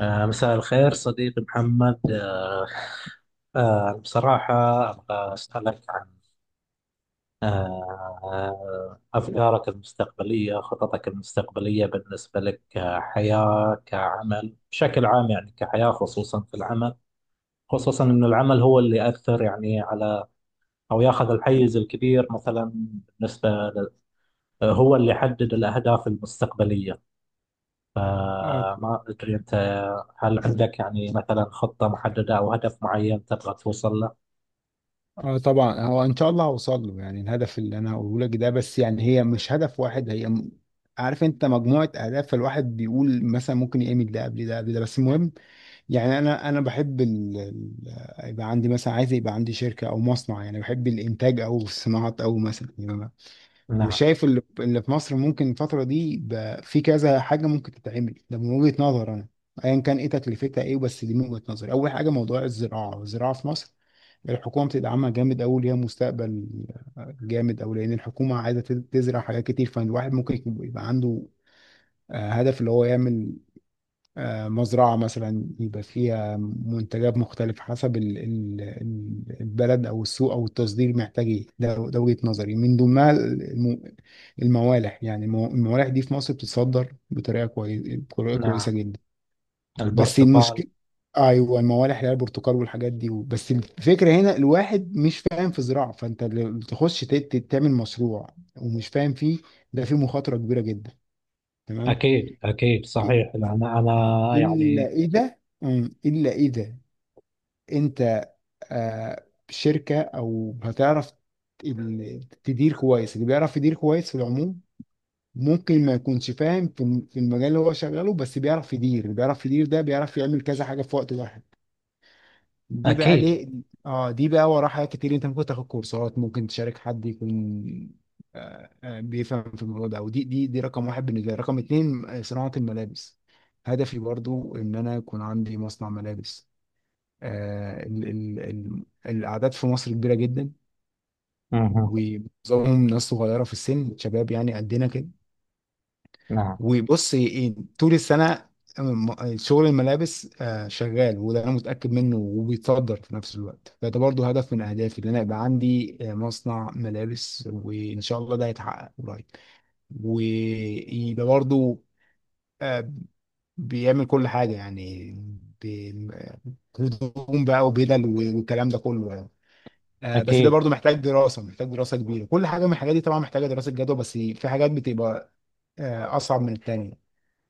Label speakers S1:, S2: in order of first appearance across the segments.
S1: مساء الخير صديقي محمد. بصراحة أبغى أسألك عن أفكارك المستقبلية، خططك المستقبلية بالنسبة لك كحياة، كعمل بشكل عام، يعني كحياة خصوصا في العمل، خصوصا أن العمل هو اللي يأثر يعني على أو ياخذ الحيز الكبير مثلا بالنسبة هو اللي يحدد الأهداف المستقبلية.
S2: اه
S1: فما أدري أنت، هل عندك يعني مثلا خطة محددة أو هدف معين تبغى توصل له؟
S2: اه، طبعا. هو ان شاء الله هوصل له، يعني الهدف اللي انا هقوله لك ده، بس يعني هي مش هدف واحد، هي عارف انت مجموعه اهداف. فالواحد بيقول مثلا ممكن يعمل ده قبل ده قبل ده، بس المهم يعني انا بحب يبقى عندي، مثلا عايز يبقى عندي شركه او مصنع، يعني بحب الانتاج او الصناعات او مثلا يعني.
S1: نعم.
S2: وشايف اللي في مصر ممكن الفترة دي بقى في كذا حاجة ممكن تتعمل، ده من وجهة نظر أنا أيا كان إيه تكلفتها إيه، بس دي من وجهة نظري. أول حاجة موضوع الزراعة، الزراعة في مصر الحكومة بتدعمها جامد أوي، ليها مستقبل جامد أوي، لأن الحكومة عايزة تزرع حاجات كتير. فالواحد ممكن يبقى عنده هدف اللي هو يعمل مزرعة مثلا يبقى فيها منتجات مختلفة حسب البلد أو السوق أو التصدير محتاج إيه. ده ده وجهة نظري، من ضمنها الموالح. يعني الموالح دي في مصر بتتصدر بطريقة كويسة، بطريقة كويسة
S1: نعم،
S2: جدا. بس
S1: البرتقال.
S2: المشكلة، أيوه، الموالح اللي هي البرتقال والحاجات دي. بس الفكرة هنا الواحد مش فاهم في زراعة، فأنت لو تخش تعمل مشروع ومش فاهم فيه، ده فيه مخاطرة كبيرة جدا. تمام.
S1: أكيد أكيد، صحيح، لأن أنا
S2: إلا
S1: يعني
S2: إذا. إلا إذا أنت شركة أو هتعرف تدير كويس. اللي بيعرف يدير كويس في العموم ممكن ما يكونش فاهم في في المجال اللي هو شغاله، بس بيعرف يدير. اللي بيعرف يدير ده بيعرف يعمل كذا حاجة في وقت واحد. دي بقى
S1: أكيد.
S2: ليه؟ اه، دي بقى وراها حاجات كتير. انت ممكن تاخد كورسات، ممكن تشارك حد يكون بيفهم في الموضوع ده. ودي دي دي رقم واحد بالنسبه لي. رقم اتنين، صناعه الملابس. هدفي برضو ان انا يكون عندي مصنع ملابس. ال ال ال الاعداد في مصر كبيره جدا،
S1: مه.
S2: ومعظمهم ناس صغيره في السن، شباب يعني قدنا كده.
S1: نعم.
S2: وبص إيه، طول السنة شغل الملابس شغال، وده انا متأكد منه، وبيتصدر في نفس الوقت. فده برضو هدف من اهدافي، ان انا يبقى عندي مصنع ملابس، وان شاء الله ده هيتحقق قريب. ويبقى برضو آه، بيعمل كل حاجة يعني، بي- هدوم بقى وبدل والكلام ده كله يعني. بس ده
S1: أكيد.
S2: برضو محتاج دراسة، محتاج دراسة كبيرة. كل حاجة من الحاجات دي طبعا محتاجة دراسة جدوى، بس في حاجات بتبقى اصعب من التانية.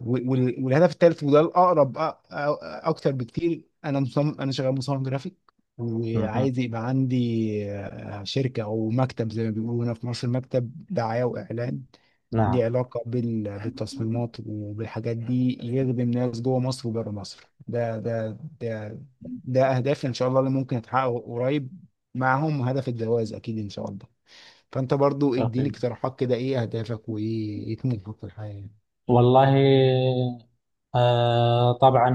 S2: والهدف الثالث وده الاقرب اكتر بكتير. انا مصمم، انا شغال مصمم جرافيك،
S1: مه.
S2: وعايز يبقى عندي شركه او مكتب زي ما بيقولوا هنا في مصر، مكتب دعايه واعلان
S1: نعم.
S2: ليه علاقه بالتصميمات وبالحاجات دي، يخدم ناس جوه مصر وبره مصر. ده ده اهدافي ان شاء الله، اللي ممكن اتحقق قريب، معاهم هدف الجواز اكيد ان شاء الله. فانت برضو اديني
S1: أوكي.
S2: اقتراحات كده، ايه اهدافك؟ وايه طموحك في الحياه؟
S1: والله طبعا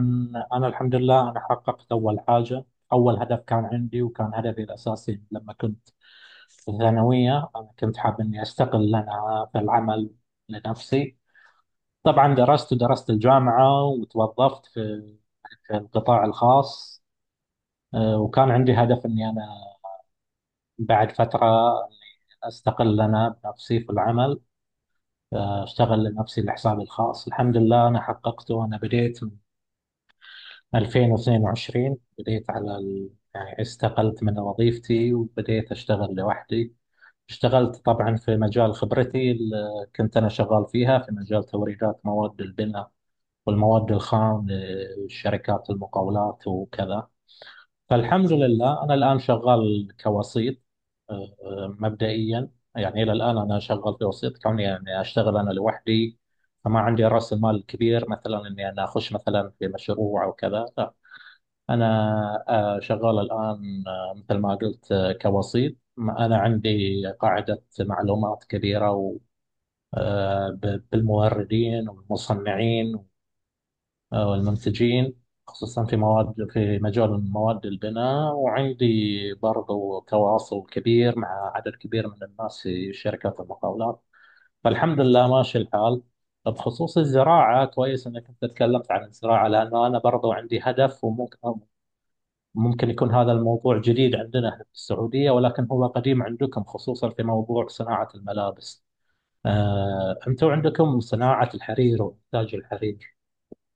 S1: أنا الحمد لله أنا حققت أول حاجة، أول هدف كان عندي، وكان هدفي الأساسي لما كنت في الثانوية أنا كنت حاب إني أستقل أنا في العمل لنفسي. طبعا درست ودرست الجامعة وتوظفت في في القطاع الخاص. وكان عندي هدف إني أنا بعد فترة إني أستقل أنا بنفسي في العمل، أشتغل لنفسي لحسابي الخاص. الحمد لله أنا حققته، أنا بديت من 2022، بديت يعني استقلت من وظيفتي وبديت أشتغل لوحدي. اشتغلت طبعا في مجال خبرتي اللي كنت أنا شغال فيها، في مجال توريدات مواد البناء والمواد الخام لشركات المقاولات وكذا. فالحمد لله أنا الآن شغال كوسيط، مبدئيا. يعني إلى الآن أنا شغال كوسيط، كوني يعني أشتغل أنا لوحدي، فما عندي رأس المال كبير مثلا إني أنا أخش مثلا في مشروع أو كذا. أنا شغال الآن مثل ما قلت كوسيط. أنا عندي قاعدة معلومات كبيرة بالموردين والمصنعين والمنتجين، خصوصا في مواد، في مجال مواد البناء، وعندي برضو تواصل كبير مع عدد كبير من الناس في شركات المقاولات. فالحمد لله ماشي الحال. بخصوص الزراعة، كويس أنك أنت تكلمت عن الزراعة، لأنه أنا برضو عندي هدف. ممكن يكون هذا الموضوع جديد عندنا احنا في السعودية ولكن هو قديم عندكم، خصوصا في موضوع صناعة الملابس. انتم عندكم صناعة الحرير وإنتاج الحرير،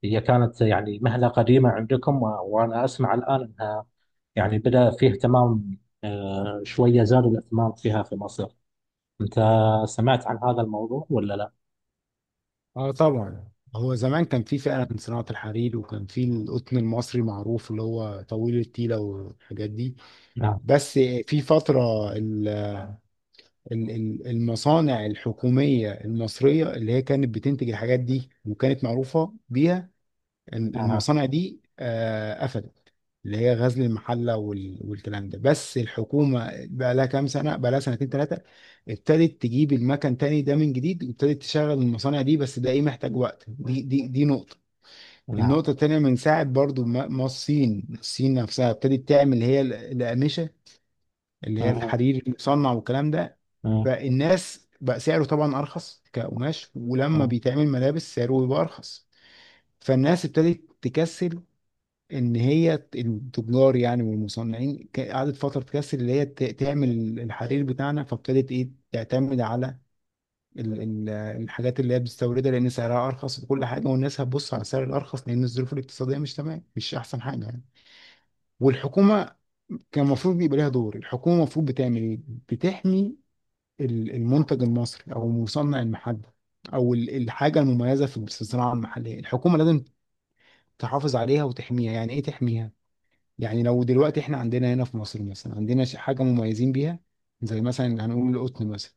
S1: هي كانت يعني مهنة قديمة عندكم، وأنا أسمع الآن أنها يعني بدأ فيه اهتمام، شوية زاد الاهتمام فيها في مصر. أنت سمعت عن هذا الموضوع ولا لا؟
S2: اه، طبعا. هو زمان كان في فعلا صناعة الحرير، وكان في القطن المصري معروف اللي هو طويل التيلة والحاجات دي.
S1: نعم.
S2: بس في فترة المصانع الحكومية المصرية اللي هي كانت بتنتج الحاجات دي وكانت معروفة بيها،
S1: نعم.
S2: المصانع دي قفلت، اللي هي غزل المحلة والكلام ده. بس الحكومة بقى لها كام سنة، بقى لها سنتين ثلاثة ابتدت تجيب المكن تاني ده من جديد، وابتدت تشغل المصانع دي، بس ده ايه محتاج وقت. دي نقطة.
S1: نعم.
S2: النقطة التانية، من ساعة برضو ما الصين نفسها ابتدت تعمل هي الأقمشة اللي هي
S1: آه،
S2: الحرير المصنع والكلام ده.
S1: آه، آه،
S2: فالناس بقى سعره طبعا أرخص كقماش، ولما
S1: آه،
S2: بيتعمل ملابس سعره بيبقى أرخص. فالناس ابتدت تكسل، إن هي التجار يعني والمصنعين قعدت فترة تكسل اللي هي تعمل الحرير بتاعنا. فابتدت إيه تعتمد على ال- ال- الحاجات اللي هي بتستوردها، لأن سعرها أرخص وكل حاجة، والناس هتبص على السعر الأرخص لأن الظروف الاقتصادية مش تمام، مش أحسن حاجة يعني. والحكومه كان المفروض يبقى لها دور. الحكومه المفروض بتعمل ايه؟ بتحمي المنتج المصري او المصنع المحلي او الحاجه المميزه في الصناعه المحليه. الحكومه لازم تحافظ عليها وتحميها. يعني ايه تحميها؟ يعني لو دلوقتي احنا عندنا هنا في مصر مثلا عندنا حاجه مميزين بيها، زي مثلا هنقول القطن مثلا،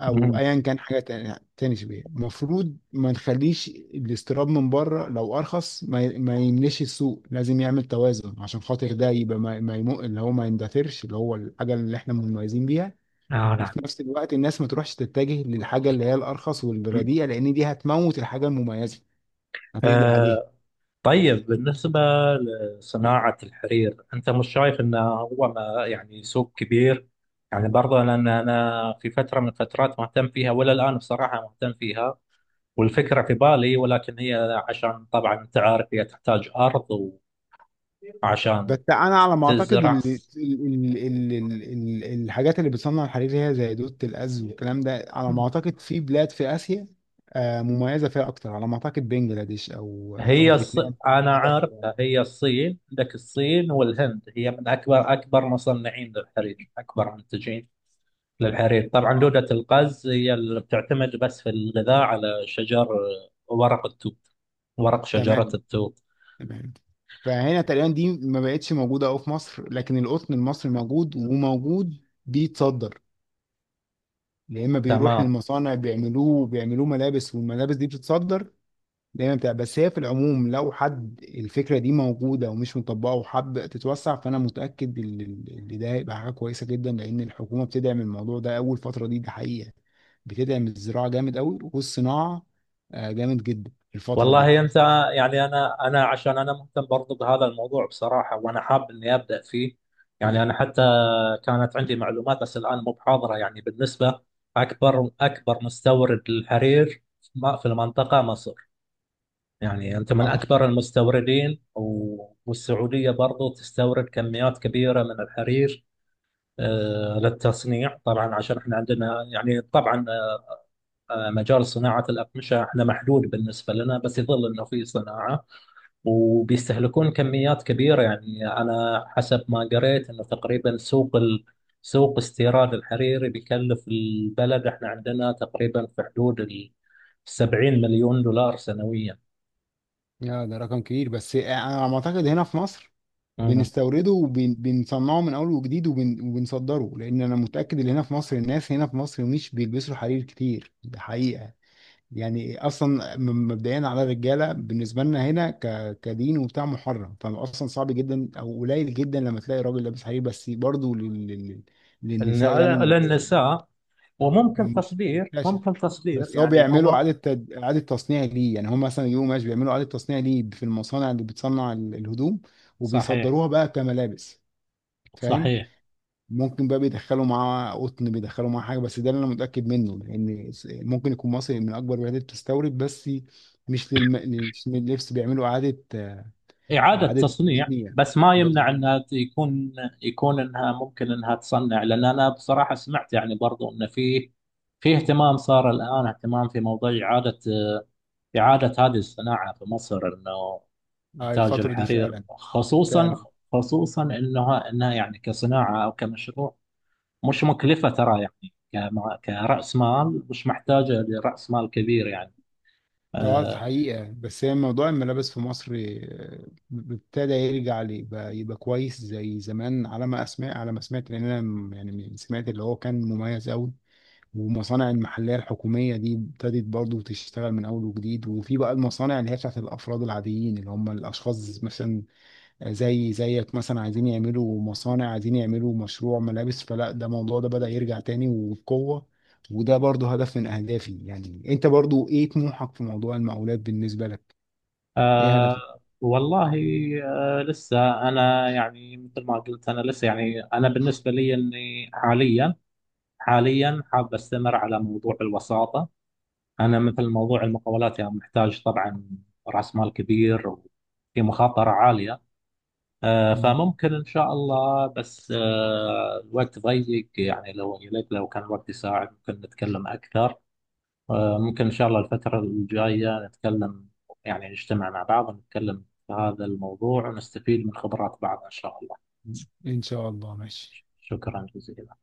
S2: او ايا كان حاجه تاني شبيه، المفروض ما نخليش الاستيراد من بره لو ارخص، ما يملاش السوق. لازم يعمل توازن عشان خاطر ده يبقى ما, ما يمو اللي هو ما يندثرش، اللي هو الحاجه اللي احنا مميزين بيها.
S1: آه،
S2: وفي نفس الوقت الناس ما تروحش تتجه للحاجه اللي هي الارخص والرديئه، لان دي هتموت الحاجه المميزه، هتقضي
S1: نعم.
S2: عليها.
S1: طيب، بالنسبة لصناعة الحرير، أنت مش شايف أنه هو ما يعني سوق كبير؟ يعني برضه، لأن أنا في فترة من الفترات مهتم فيها، ولا الآن بصراحة مهتم فيها والفكرة في بالي، ولكن هي عشان طبعا أنت عارف هي تحتاج أرض، وعشان
S2: بس انا على ما اعتقد
S1: تزرع.
S2: ال ال ال ال ال ال الحاجات اللي بتصنع الحرير هي زي دودة الأز والكلام ده، على ما اعتقد في بلاد في آسيا مميزة فيها اكتر. على ما اعتقد بنجلاديش او
S1: هي الص...
S2: فيتنام.
S1: أنا
S2: متذكر
S1: عارف،
S2: يعني.
S1: هي الصين، عندك الصين والهند هي من أكبر، أكبر مصنعين للحرير، أكبر منتجين للحريق. طبعا
S2: اه،
S1: دودة القز هي اللي بتعتمد بس في الغذاء على شجر ورق التوت، ورق شجرة
S2: تمام،
S1: التوت.
S2: تمام. فهنا تقريبا دي ما بقتش موجودة أوي في مصر، لكن القطن المصري موجود، وموجود بيتصدر. يا اما بيروح
S1: تمام.
S2: للمصانع بيعملوه، وبيعملوه ملابس والملابس دي بتتصدر دايما بتاع. بس هي في العموم لو حد الفكرة دي موجودة ومش مطبقة وحب تتوسع، فأنا متأكد إن ده هيبقى حاجة كويسة جدا، لأن الحكومة بتدعم الموضوع ده أول فترة دي، ده حقيقة. بتدعم الزراعة جامد أوي والصناعة جامد جدا الفترة دي.
S1: والله أنت، يعني أنا عشان أنا مهتم برضو بهذا الموضوع بصراحة، وأنا حاب إني أبدأ فيه. يعني أنا حتى كانت عندي معلومات بس الآن مو بحاضرة. يعني بالنسبة، أكبر، أكبر مستورد للحرير في المنطقة مصر، يعني أنت من
S2: آه،
S1: أكبر المستوردين، والسعودية برضو تستورد كميات كبيرة من الحرير للتصنيع طبعا. عشان احنا عندنا يعني طبعا مجال صناعة الأقمشة احنا محدود بالنسبة لنا، بس يظل انه في صناعة وبيستهلكون كميات كبيرة. يعني انا حسب ما قريت انه تقريبا سوق استيراد الحريري بيكلف البلد، احنا عندنا تقريبا في حدود ال 70 مليون دولار سنويا.
S2: يا ده رقم كبير، بس أنا على ما أعتقد هنا في مصر
S1: مم.
S2: بنستورده وبنصنعه من أول وجديد وبنصدره، لأن أنا متأكد إن هنا في مصر الناس هنا في مصر مش بيلبسوا حرير كتير، ده حقيقة. يعني اصلا مبدئيا على الرجاله بالنسبه لنا هنا كدين وبتاع محرم، فاصلا صعب جدا او قليل جدا لما تلاقي راجل لابس حرير. بس برضه
S1: إن
S2: للنساء يعني
S1: على،
S2: الموضوع
S1: للنساء، وممكن
S2: مش
S1: تصدير،
S2: منتشر.
S1: ممكن تصدير
S2: بس هو
S1: يعني
S2: بيعملوا
S1: هو.
S2: اعاده اعاده تصنيع ليه، يعني هم مثلا يجيبوا ماشي بيعملوا اعاده تصنيع ليه في المصانع اللي بتصنع الهدوم
S1: صحيح.
S2: وبيصدروها بقى كملابس. فاهم؟
S1: صحيح،
S2: ممكن بقى بيدخلوا معاه قطن، بيدخلوا معاه حاجه، بس ده اللي انا متاكد منه، لان ممكن يكون مصر من اكبر البلاد اللي بتستورد، بس مش للم... مش لللبس، بيعملوا اعاده
S1: إعادة
S2: اعاده
S1: تصنيع،
S2: تصنيع.
S1: بس ما يمنع
S2: مظبوط.
S1: انها يكون، يكون انها ممكن انها تصنع. لان انا بصراحة سمعت يعني برضو ان فيه، في اهتمام صار الان، اهتمام في موضوع إعادة، إعادة هذه الصناعة في مصر، انه إنتاج
S2: الفتره دي
S1: الحرير
S2: فعلا،
S1: خصوصا،
S2: فعلا.
S1: خصوصا انها انها يعني كصناعة او كمشروع مش مكلفة ترى يعني، كرأس مال مش محتاجة لرأس مال كبير يعني.
S2: اه،
S1: آه،
S2: حقيقه. بس هي موضوع الملابس في مصر ابتدى يرجع يبقى كويس زي زمان، على ما اسمع، على ما سمعت، لان انا يعني سمعت اللي هو كان مميز قوي. والمصانع المحلية الحكومية دي ابتدت برضه تشتغل من أول وجديد، وفي بقى المصانع اللي هي بتاعت الأفراد العاديين، اللي هم الأشخاص مثلا زي زيك مثلا، عايزين يعملوا مصانع، عايزين يعملوا مشروع ملابس. فلا، ده الموضوع ده بدأ يرجع تاني وبقوة. وده برضه هدف من أهدافي. يعني أنت برضه إيه طموحك في موضوع المقاولات بالنسبة لك؟ إيه هدفك؟
S1: والله، لسه أنا، يعني مثل ما قلت، أنا لسه يعني أنا بالنسبة لي إني حاليا، حاليا حاب أستمر على موضوع الوساطة. أنا مثل موضوع المقاولات يعني محتاج طبعا رأس مال كبير وفي مخاطرة عالية.
S2: مم.
S1: فممكن إن شاء الله، بس الوقت ضيق يعني، لو يا ليت لو كان الوقت يساعد ممكن نتكلم أكثر. ممكن إن شاء الله الفترة الجاية نتكلم، يعني نجتمع مع بعض ونتكلم في هذا الموضوع ونستفيد من خبرات بعض إن شاء الله.
S2: إن شاء الله، ماشي.
S1: شكرا جزيلا.